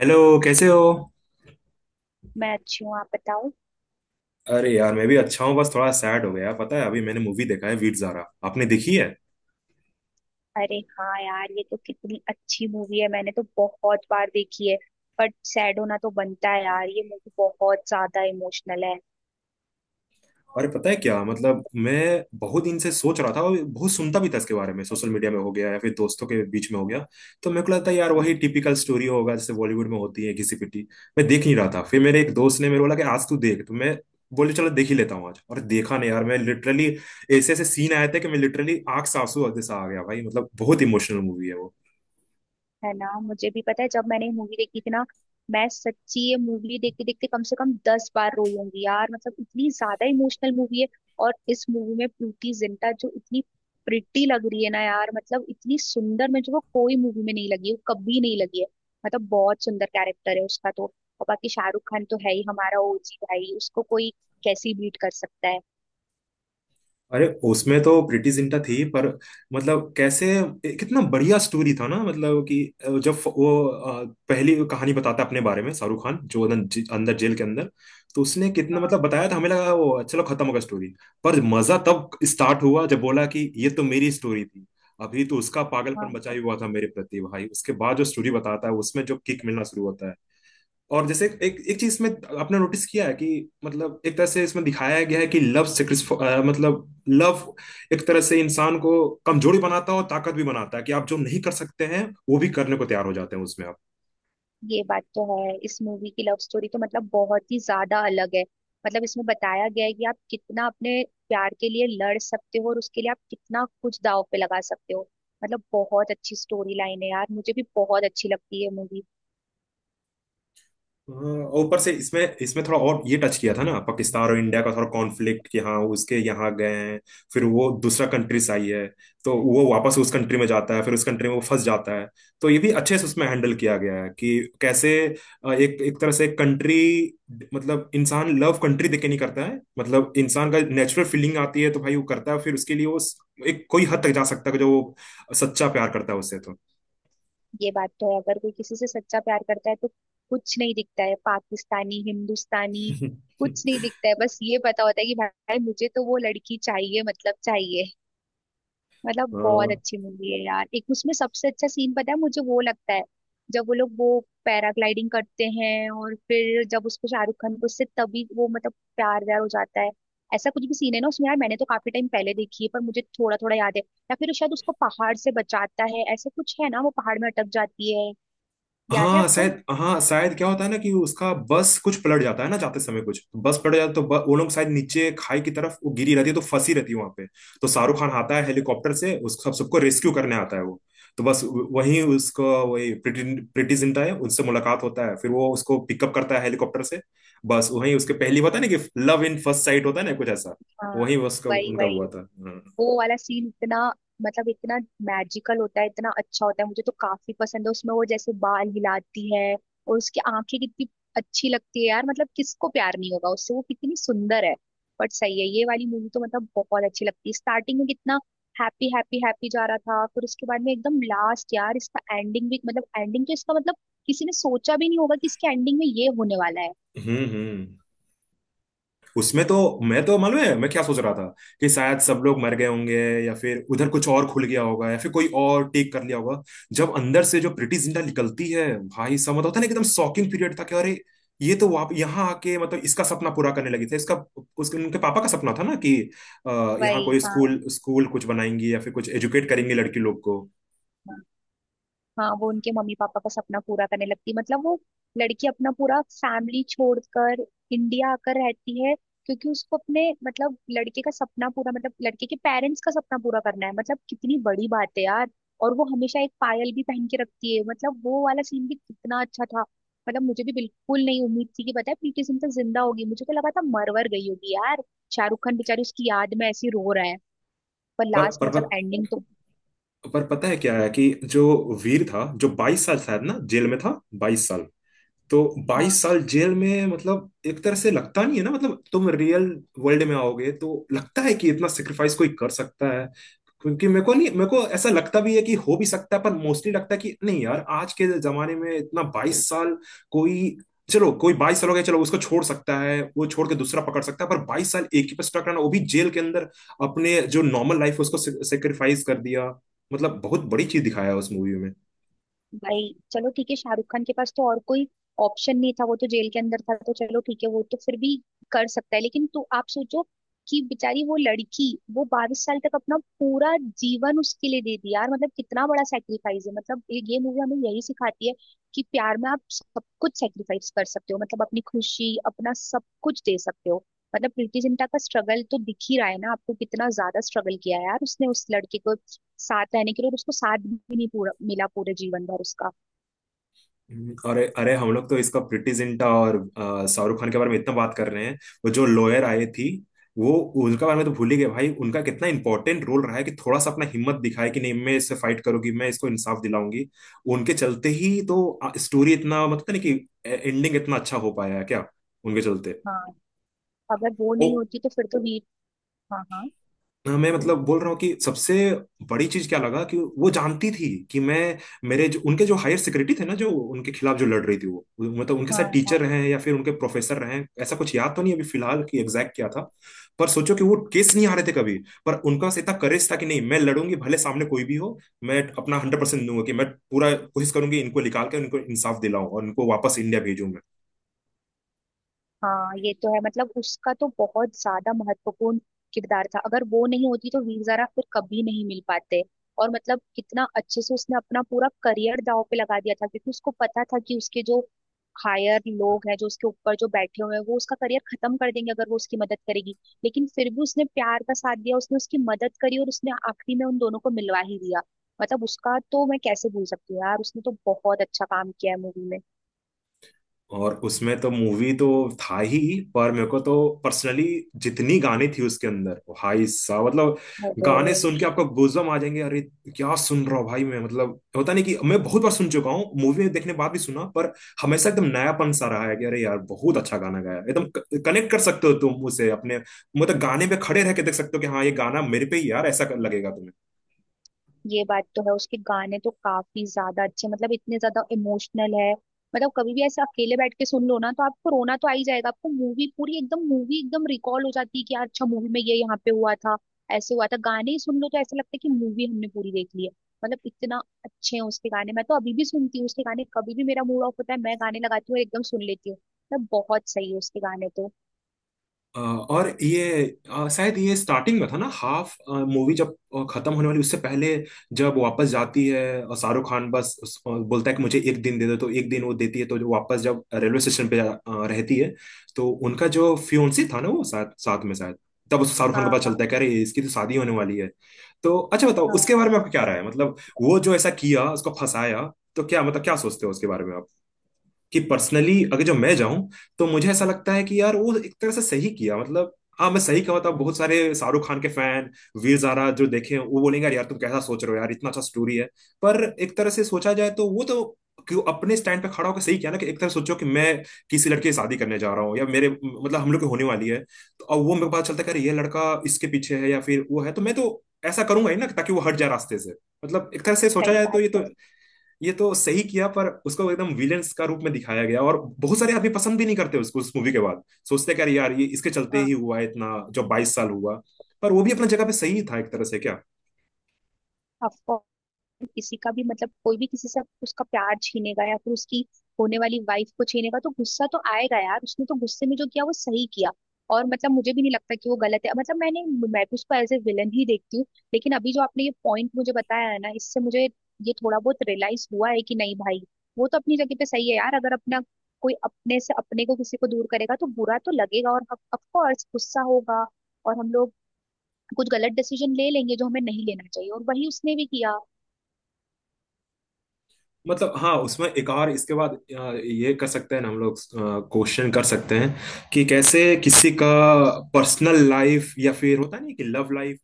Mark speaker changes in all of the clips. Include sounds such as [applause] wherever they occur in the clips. Speaker 1: Hello. कैसे हो?
Speaker 2: मैं अच्छी हूँ आप बताओ।
Speaker 1: अरे यार मैं भी अच्छा हूँ, बस थोड़ा सैड हो गया। पता है अभी मैंने मूवी देखा है, वीर ज़ारा। आपने देखी है?
Speaker 2: अरे हाँ यार ये तो कितनी अच्छी मूवी है मैंने तो बहुत बार देखी है। बट सैड होना तो बनता है यार, ये मूवी बहुत ज्यादा इमोशनल है।
Speaker 1: अरे पता है क्या मतलब, मैं बहुत दिन से सोच रहा था और बहुत सुनता भी था इसके बारे में, सोशल मीडिया में हो गया या फिर दोस्तों के बीच में हो गया। तो मेरे को लगता है यार वही टिपिकल स्टोरी होगा जैसे बॉलीवुड में होती है घिसी पिटी। मैं देख नहीं रहा था, फिर मेरे एक दोस्त ने मेरे को बोला कि आज तू देख तो मैं बोले चलो देख ही लेता हूँ आज। और देखा नहीं यार, मैं लिटरली ऐसे ऐसे सीन आए थे कि मैं लिटरली आंख से आंसू जैसा आ गया भाई। मतलब बहुत इमोशनल मूवी है वो।
Speaker 2: है ना, मुझे भी पता है जब मैंने मूवी देखी थी ना। मैं सच्ची ये मूवी देखते देखते कम से कम 10 बार रोई होंगी यार, मतलब इतनी ज्यादा इमोशनल मूवी है। और इस मूवी में प्रीति जिंटा जो इतनी प्रिटी लग रही है ना यार, मतलब इतनी सुंदर में जो वो कोई मूवी में नहीं लगी, वो कभी नहीं लगी है। मतलब बहुत सुंदर कैरेक्टर है उसका तो। और बाकी शाहरुख खान तो है ही हमारा ओजी भाई, उसको कोई कैसी बीट कर सकता है।
Speaker 1: अरे उसमें तो प्रीति जिंटा थी पर मतलब कैसे कितना बढ़िया स्टोरी था ना। मतलब कि जब वो पहली कहानी बताता है अपने बारे में, शाहरुख खान जो अंदर अंदर जेल के अंदर, तो उसने कितना
Speaker 2: हाँ,
Speaker 1: मतलब बताया था। हमें लगा वो चलो खत्म होगा स्टोरी। पर मजा तब स्टार्ट हुआ जब बोला कि ये तो मेरी स्टोरी थी, अभी तो उसका पागलपन बचा ही
Speaker 2: हाँ।
Speaker 1: हुआ था मेरे प्रति भाई। उसके बाद जो स्टोरी बताता है उसमें जो किक मिलना शुरू होता है, और जैसे एक एक चीज में आपने नोटिस किया है कि मतलब एक तरह से इसमें दिखाया गया है कि लव सेक्रिफ, मतलब लव एक तरह से इंसान को कमजोरी बनाता है और ताकत भी बनाता है, कि आप जो नहीं कर सकते हैं वो भी करने को तैयार हो जाते हैं उसमें।
Speaker 2: ये बात तो है, इस मूवी की लव स्टोरी तो मतलब बहुत ही ज्यादा अलग है। मतलब इसमें बताया गया है कि आप कितना अपने प्यार के लिए लड़ सकते हो और उसके लिए आप कितना कुछ दांव पे लगा सकते हो। मतलब बहुत अच्छी स्टोरी लाइन है यार, मुझे भी बहुत अच्छी लगती है मूवी।
Speaker 1: हाँ, ऊपर से इसमें इसमें थोड़ा और ये टच किया था ना, पाकिस्तान और इंडिया का थोड़ा कॉन्फ्लिक्ट, कि हाँ उसके यहाँ गए हैं, फिर वो दूसरा कंट्री से आई है, तो वो वापस उस कंट्री में जाता है फिर उस कंट्री में वो फंस जाता है। तो ये भी अच्छे से उसमें हैंडल किया गया है कि कैसे एक एक तरह से कंट्री, मतलब इंसान लव कंट्री देखे नहीं करता है। मतलब इंसान का नेचुरल फीलिंग आती है तो भाई वो करता है, फिर उसके लिए वो एक कोई हद तक जा सकता है जो वो सच्चा प्यार करता है उससे तो।
Speaker 2: ये बात तो है, अगर कोई किसी से सच्चा प्यार करता है तो कुछ नहीं दिखता है पाकिस्तानी हिंदुस्तानी, कुछ नहीं
Speaker 1: [laughs]
Speaker 2: दिखता है, बस ये पता होता है कि भाई मुझे तो वो लड़की चाहिए मतलब चाहिए। मतलब बहुत
Speaker 1: हाँ,
Speaker 2: अच्छी मूवी है यार, एक उसमें सबसे अच्छा सीन पता है मुझे वो लगता है, जब वो लोग वो पैराग्लाइडिंग करते हैं और फिर जब उसको शाहरुख खान को उससे तभी वो मतलब प्यार व्यार हो जाता है। ऐसा कुछ भी सीन है ना उसमें यार, मैंने तो काफी टाइम पहले देखी है पर मुझे थोड़ा थोड़ा याद है। या फिर शायद उसको पहाड़ से बचाता है, ऐसा कुछ है ना, वो पहाड़ में अटक जाती है। याद है
Speaker 1: हाँ
Speaker 2: आपको?
Speaker 1: शायद, हाँ शायद क्या होता है ना कि उसका बस कुछ पलट जाता है ना जाते समय, कुछ तो बस पलट जाता है। तो वो लोग शायद नीचे खाई की तरफ वो गिरी रहती है तो फंसी रहती है वहां पे। तो शाहरुख खान आता है हेलीकॉप्टर से उस सब सबको रेस्क्यू करने आता है वो। तो बस वहीं उसको वही प्रीति प्रीति जिंटा है उनसे मुलाकात होता है, फिर वो उसको पिकअप करता है हेलीकॉप्टर से। बस वहीं उसके पहली होता है ना, कि लव इन फर्स्ट साइट होता है ना कुछ ऐसा,
Speaker 2: हाँ।
Speaker 1: वहीं उसका
Speaker 2: वही
Speaker 1: उनका
Speaker 2: वही,
Speaker 1: हुआ था। हम्म
Speaker 2: वो वाला सीन इतना, मतलब इतना मैजिकल होता है, इतना अच्छा होता है, मुझे तो काफी पसंद है उसमें, वो जैसे बाल हिलाती है और उसकी आंखें कितनी अच्छी लगती है यार, मतलब किसको प्यार नहीं होगा उससे, वो कितनी सुंदर है। बट सही है, ये वाली मूवी तो मतलब बहुत अच्छी लगती है, स्टार्टिंग में कितना हैप्पी हैप्पी हैप्पी जा रहा था, फिर उसके बाद में एकदम लास्ट यार, इसका एंडिंग भी मतलब एंडिंग तो इसका मतलब किसी ने सोचा भी नहीं होगा कि इसके एंडिंग में ये होने वाला है।
Speaker 1: हम्म हम्म। उसमें तो मैं तो मालूम है मैं क्या सोच रहा था, कि शायद सब लोग मर गए होंगे या फिर उधर कुछ और खुल गया होगा या फिर कोई और टेक कर लिया होगा। जब अंदर से जो प्रीटी जिंटा निकलती है, भाई सब मतलब होता है ना एकदम शॉकिंग पीरियड था कि अरे ये तो वहाँ यहाँ आके मतलब इसका सपना पूरा करने लगी थी इसका, उसके उनके पापा का सपना था ना कि यहाँ
Speaker 2: वही,
Speaker 1: कोई
Speaker 2: हाँ।
Speaker 1: स्कूल स्कूल कुछ बनाएंगी या फिर कुछ एजुकेट करेंगे लड़की लोग को।
Speaker 2: हाँ, वो उनके मम्मी पापा का सपना पूरा करने लगती है, मतलब वो लड़की अपना पूरा फैमिली छोड़कर इंडिया आकर रहती है, क्योंकि उसको अपने मतलब लड़के का सपना पूरा मतलब लड़के के पेरेंट्स का सपना पूरा करना है, मतलब कितनी बड़ी बात है यार। और वो हमेशा एक पायल भी पहन के रखती है, मतलब वो वाला सीन भी कितना अच्छा था। मतलब मुझे भी बिल्कुल नहीं उम्मीद थी कि पता है प्रीति जिंटा जिंदा होगी, मुझे तो लगा था मरवर गई होगी यार, शाहरुख खान बेचारी उसकी याद में ऐसी रो रहा है। पर
Speaker 1: पर
Speaker 2: लास्ट
Speaker 1: पर पर
Speaker 2: मतलब एंडिंग तो।
Speaker 1: पर पता है क्या है कि जो वीर था जो बाईस साल शायद ना जेल में था, बाईस साल। तो 22
Speaker 2: हाँ।
Speaker 1: साल जेल में मतलब एक तरह से लगता नहीं है ना, मतलब तुम रियल वर्ल्ड में आओगे तो लगता है कि इतना सेक्रीफाइस कोई कर सकता है? क्योंकि मेरे को नहीं मेरे को ऐसा लगता भी है कि हो भी सकता है, पर मोस्टली लगता है कि नहीं यार आज के जमाने में इतना 22 साल कोई, चलो कोई 22 साल हो गया चलो, उसको छोड़ सकता है वो छोड़ के दूसरा पकड़ सकता है, पर 22 साल एक ही पे स्टक रहना वो भी जेल के अंदर, अपने जो नॉर्मल लाइफ है उसको सेक्रीफाइस कर दिया, मतलब बहुत बड़ी चीज दिखाया है उस मूवी में।
Speaker 2: भाई चलो ठीक है, शाहरुख खान के पास तो और कोई ऑप्शन नहीं था, वो तो जेल के अंदर था तो चलो ठीक है वो तो फिर भी कर सकता है, लेकिन तू आप सोचो कि बेचारी वो लड़की वो 22 साल तक अपना पूरा जीवन उसके लिए दे दी यार, मतलब कितना बड़ा सेक्रीफाइस है। मतलब ये मूवी हमें यही सिखाती है कि प्यार में आप सब कुछ सेक्रीफाइस कर सकते हो, मतलब अपनी खुशी अपना सब कुछ दे सकते हो। मतलब प्रीति जिंटा का स्ट्रगल तो दिख ही रहा है ना आपको, कितना ज्यादा स्ट्रगल किया है यार उसने उस लड़के को साथ रहने के लिए, और उसको साथ भी नहीं पूरा मिला पूरे जीवन भर उसका।
Speaker 1: अरे अरे हम लोग तो इसका प्रीति जिंटा और शाहरुख खान के बारे में इतना बात कर रहे हैं, वो जो लॉयर आई थी वो, उनका बारे में तो भूल ही गए भाई। उनका कितना इंपॉर्टेंट रोल रहा है, कि थोड़ा सा अपना हिम्मत दिखाए कि नहीं मैं इससे फाइट करूंगी, मैं इसको इंसाफ दिलाऊंगी। उनके चलते ही तो स्टोरी इतना मतलब, नहीं कि एंडिंग इतना अच्छा हो पाया है, क्या उनके चलते।
Speaker 2: हाँ, अगर वो नहीं होती तो फिर तो वीर। हाँ, हाँ।
Speaker 1: हाँ, मैं मतलब बोल रहा हूँ कि सबसे बड़ी चीज क्या लगा, कि वो जानती थी कि मैं मेरे जो उनके जो हायर सेक्रेटरी थे ना, जो उनके खिलाफ जो लड़ रही थी वो, मतलब उनके साथ
Speaker 2: हाँ,
Speaker 1: टीचर
Speaker 2: हाँ,
Speaker 1: रहे हैं या फिर उनके प्रोफेसर रहे हैं, ऐसा कुछ याद तो नहीं अभी फिलहाल कि एग्जैक्ट क्या था। पर सोचो कि वो केस नहीं आ रहे थे कभी, पर उनका बस इतना करेज था कि नहीं मैं लड़ूंगी भले सामने कोई भी हो, मैं अपना 100% दूंगा कि मैं पूरा कोशिश करूंगी इनको निकाल कर, इनको इंसाफ दिलाऊं और इनको वापस इंडिया भेजूं।
Speaker 2: हाँ। ये तो है, मतलब उसका तो बहुत ज्यादा महत्वपूर्ण किरदार था, अगर वो नहीं होती तो वीर ज़ारा फिर कभी नहीं मिल पाते। और मतलब कितना अच्छे से उसने अपना पूरा करियर दांव पे लगा दिया था, क्योंकि उसको पता था कि उसके जो हायर लोग हैं जो उसके ऊपर जो बैठे हुए हैं वो उसका करियर खत्म कर देंगे अगर वो उसकी मदद करेगी, लेकिन फिर भी उसने प्यार का साथ दिया, उसने उसकी मदद करी और उसने आखिरी में उन दोनों को मिलवा ही दिया। मतलब उसका तो मैं कैसे भूल सकती हूँ यार, उसने तो बहुत अच्छा काम किया है मूवी में।
Speaker 1: और उसमें तो मूवी तो था ही, पर मेरे को तो पर्सनली जितनी गाने थी उसके अंदर, भाई साहब मतलब गाने सुन के
Speaker 2: अरे,
Speaker 1: आपको गूज़बम्प आ जाएंगे। अरे क्या सुन रहा हूँ भाई मैं, मतलब होता नहीं कि मैं बहुत बार सुन चुका हूँ, मूवी देखने के बाद भी सुना, पर हमेशा एकदम नयापन सा रहा है कि अरे यार बहुत अच्छा गाना गाया। एकदम कनेक्ट कर सकते हो तुम उसे अपने, मतलब गाने पे खड़े रह के देख सकते हो कि हाँ ये गाना मेरे पे ही यार ऐसा लगेगा तुम्हें।
Speaker 2: ये बात तो है, उसके गाने तो काफी ज्यादा अच्छे, मतलब इतने ज्यादा इमोशनल है। मतलब कभी भी ऐसे अकेले बैठ के सुन लो ना तो आपको रोना तो आ ही जाएगा, आपको मूवी एकदम रिकॉल हो जाती है कि यार अच्छा मूवी में ये यहाँ पे हुआ था, ऐसे हुआ था, गाने ही सुन लो तो ऐसा लगता है कि मूवी हमने पूरी देख ली है। मतलब इतना अच्छे हैं उसके गाने, मैं तो अभी भी सुनती हूँ उसके गाने, कभी भी मेरा मूड ऑफ होता है मैं गाने लगाती हूँ और एकदम सुन लेती हूँ, मतलब बहुत सही है उसके गाने तो।
Speaker 1: और ये शायद ये स्टार्टिंग में था ना, हाफ मूवी जब खत्म होने वाली उससे पहले, जब वापस जाती है, शाहरुख खान बस बोलता है कि मुझे 1 दिन दे दो, तो 1 दिन वो देती है। तो जो वापस जब रेलवे स्टेशन पे रहती है, तो उनका जो फियोन्सी था ना वो साथ साथ में शायद, तब उस शाहरुख खान को
Speaker 2: हाँ,
Speaker 1: पता
Speaker 2: हाँ,
Speaker 1: चलता है कि अरे इसकी तो शादी होने वाली है। तो अच्छा बताओ उसके
Speaker 2: हाँ।
Speaker 1: बारे में आपका क्या राय है, मतलब वो जो ऐसा किया उसको फंसाया, तो क्या मतलब क्या सोचते हो उसके बारे में? कि पर्सनली अगर जो मैं जाऊं तो मुझे ऐसा लगता है कि यार वो एक तरह से सही किया, मतलब हाँ मैं सही कहूँ तो बहुत सारे शाहरुख खान के फैन वीर ज़ारा जो देखे वो बोलेंगे यार, तुम कैसा सोच रहे हो यार इतना अच्छा स्टोरी है। पर एक तरह से सोचा जाए तो वो तो क्यों अपने स्टैंड पे खड़ा होकर सही किया ना, कि एक तरह सोचो कि मैं किसी लड़के से शादी करने जा रहा हूँ या मेरे मतलब हम लोग की होने वाली है, तो अब वो मेरे को पता चलता है कि अरे ये लड़का इसके पीछे है या फिर वो है, तो मैं तो ऐसा करूंगा ही ना ताकि वो हट जाए रास्ते से। मतलब एक तरह से सोचा
Speaker 2: सही
Speaker 1: जाए तो
Speaker 2: बात है।
Speaker 1: ये तो सही किया, पर उसको एकदम विलेंस का रूप में दिखाया गया और बहुत सारे आदमी पसंद भी नहीं करते उसको उस मूवी के बाद। सोचते हैं कि अरे यार ये इसके चलते ही
Speaker 2: हाँ।
Speaker 1: हुआ है इतना जो बाईस साल हुआ, पर वो भी अपना जगह पे सही था एक तरह से क्या।
Speaker 2: ऑफ, किसी का भी मतलब कोई भी किसी से उसका प्यार छीनेगा या फिर उसकी होने वाली वाइफ को छीनेगा तो गुस्सा तो आएगा यार, उसने तो गुस्से में जो किया वो सही किया। और मतलब मुझे भी नहीं लगता कि वो गलत है, मतलब मैं भी उसको एज ए विलन ही देखती हूँ, लेकिन अभी जो आपने ये पॉइंट मुझे बताया है ना इससे मुझे ये थोड़ा बहुत रियलाइज हुआ है कि नहीं भाई वो तो अपनी जगह पे सही है यार, अगर अपना कोई अपने से अपने को किसी को दूर करेगा तो बुरा तो लगेगा और ऑफ कोर्स गुस्सा होगा, और हम लोग कुछ गलत डिसीजन ले लेंगे जो हमें नहीं लेना चाहिए, और वही उसने भी किया।
Speaker 1: मतलब हाँ उसमें एक और इसके बाद ये कर सकते हैं ना हम लोग, क्वेश्चन कर सकते हैं कि कैसे किसी का पर्सनल लाइफ या फिर होता नहीं कि लव लाइफ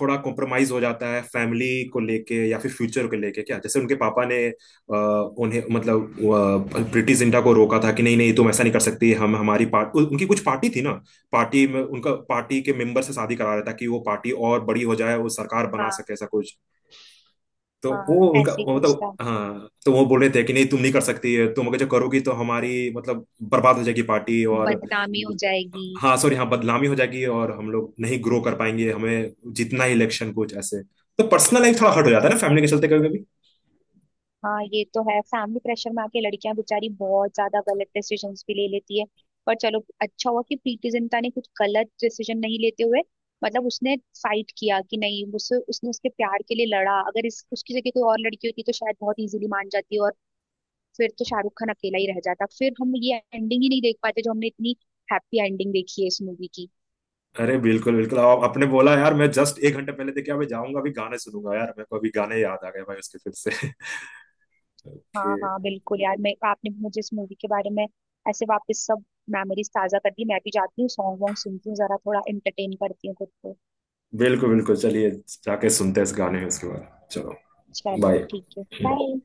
Speaker 1: थोड़ा कॉम्प्रोमाइज हो जाता है फैमिली को लेके या फिर फ्यूचर को लेके, क्या जैसे उनके पापा ने उन्हें मतलब प्रीति जिंटा को रोका था कि नहीं नहीं तुम ऐसा नहीं कर सकती। हम हमारी पार्ट उनकी कुछ पार्टी थी ना, पार्टी में उनका पार्टी के मेंबर से शादी करा रहा था कि वो पार्टी और बड़ी हो जाए, वो सरकार बना
Speaker 2: हाँ,
Speaker 1: सके ऐसा कुछ। तो
Speaker 2: हाँ,
Speaker 1: वो उनका
Speaker 2: ऐसे ही
Speaker 1: वो
Speaker 2: कुछ
Speaker 1: मतलब
Speaker 2: था।
Speaker 1: हाँ, तो वो बोल रहे थे कि नहीं तुम नहीं कर सकती, तुम अगर जो करोगी तो हमारी मतलब बर्बाद हो जाएगी पार्टी और,
Speaker 2: बदनामी हो जाएगी।
Speaker 1: हाँ सॉरी, हाँ बदनामी हो जाएगी और हम लोग नहीं ग्रो कर पाएंगे, हमें जितना ही इलेक्शन कुछ ऐसे। तो पर्सनल लाइफ थोड़ा हर्ट हो जाता है ना फैमिली के चलते कभी कभी।
Speaker 2: हाँ, ये तो है, फैमिली प्रेशर में आके लड़कियां बेचारी बहुत ज्यादा गलत डिसीजन भी ले लेती है। पर चलो अच्छा हुआ कि प्रीति जिंटा ने कुछ गलत डिसीजन नहीं लेते हुए मतलब उसने फाइट किया कि नहीं, उसे उसने उसके प्यार के लिए लड़ा, अगर इस उसकी जगह कोई और लड़की होती तो शायद बहुत इजीली मान जाती, फिर तो शाहरुख खान अकेला ही रह जाता, फिर हम ये एंडिंग ही नहीं देख पाते जो हमने इतनी हैप्पी एंडिंग देखी है इस मूवी की।
Speaker 1: अरे बिल्कुल बिल्कुल आप आपने बोला यार, मैं जस्ट 1 घंटे पहले देखा, मैं जाऊंगा अभी गाने सुनूंगा यार, मेरे को अभी गाने याद आ गए भाई उसके फिर से। [laughs]
Speaker 2: हाँ, हाँ,
Speaker 1: कि
Speaker 2: बिल्कुल यार, मैं आपने मुझे इस मूवी के बारे में ऐसे वापस सब मेमोरीज ताजा कर दी, मैं भी जाती हूँ सॉन्ग वॉन्ग सुनती हूँ, जरा थोड़ा एंटरटेन करती हूँ खुद को।
Speaker 1: बिल्कुल बिल्कुल, चलिए जाके सुनते हैं इस गाने में उसके बाद, चलो
Speaker 2: चलो
Speaker 1: बाय।
Speaker 2: ठीक है, बाय।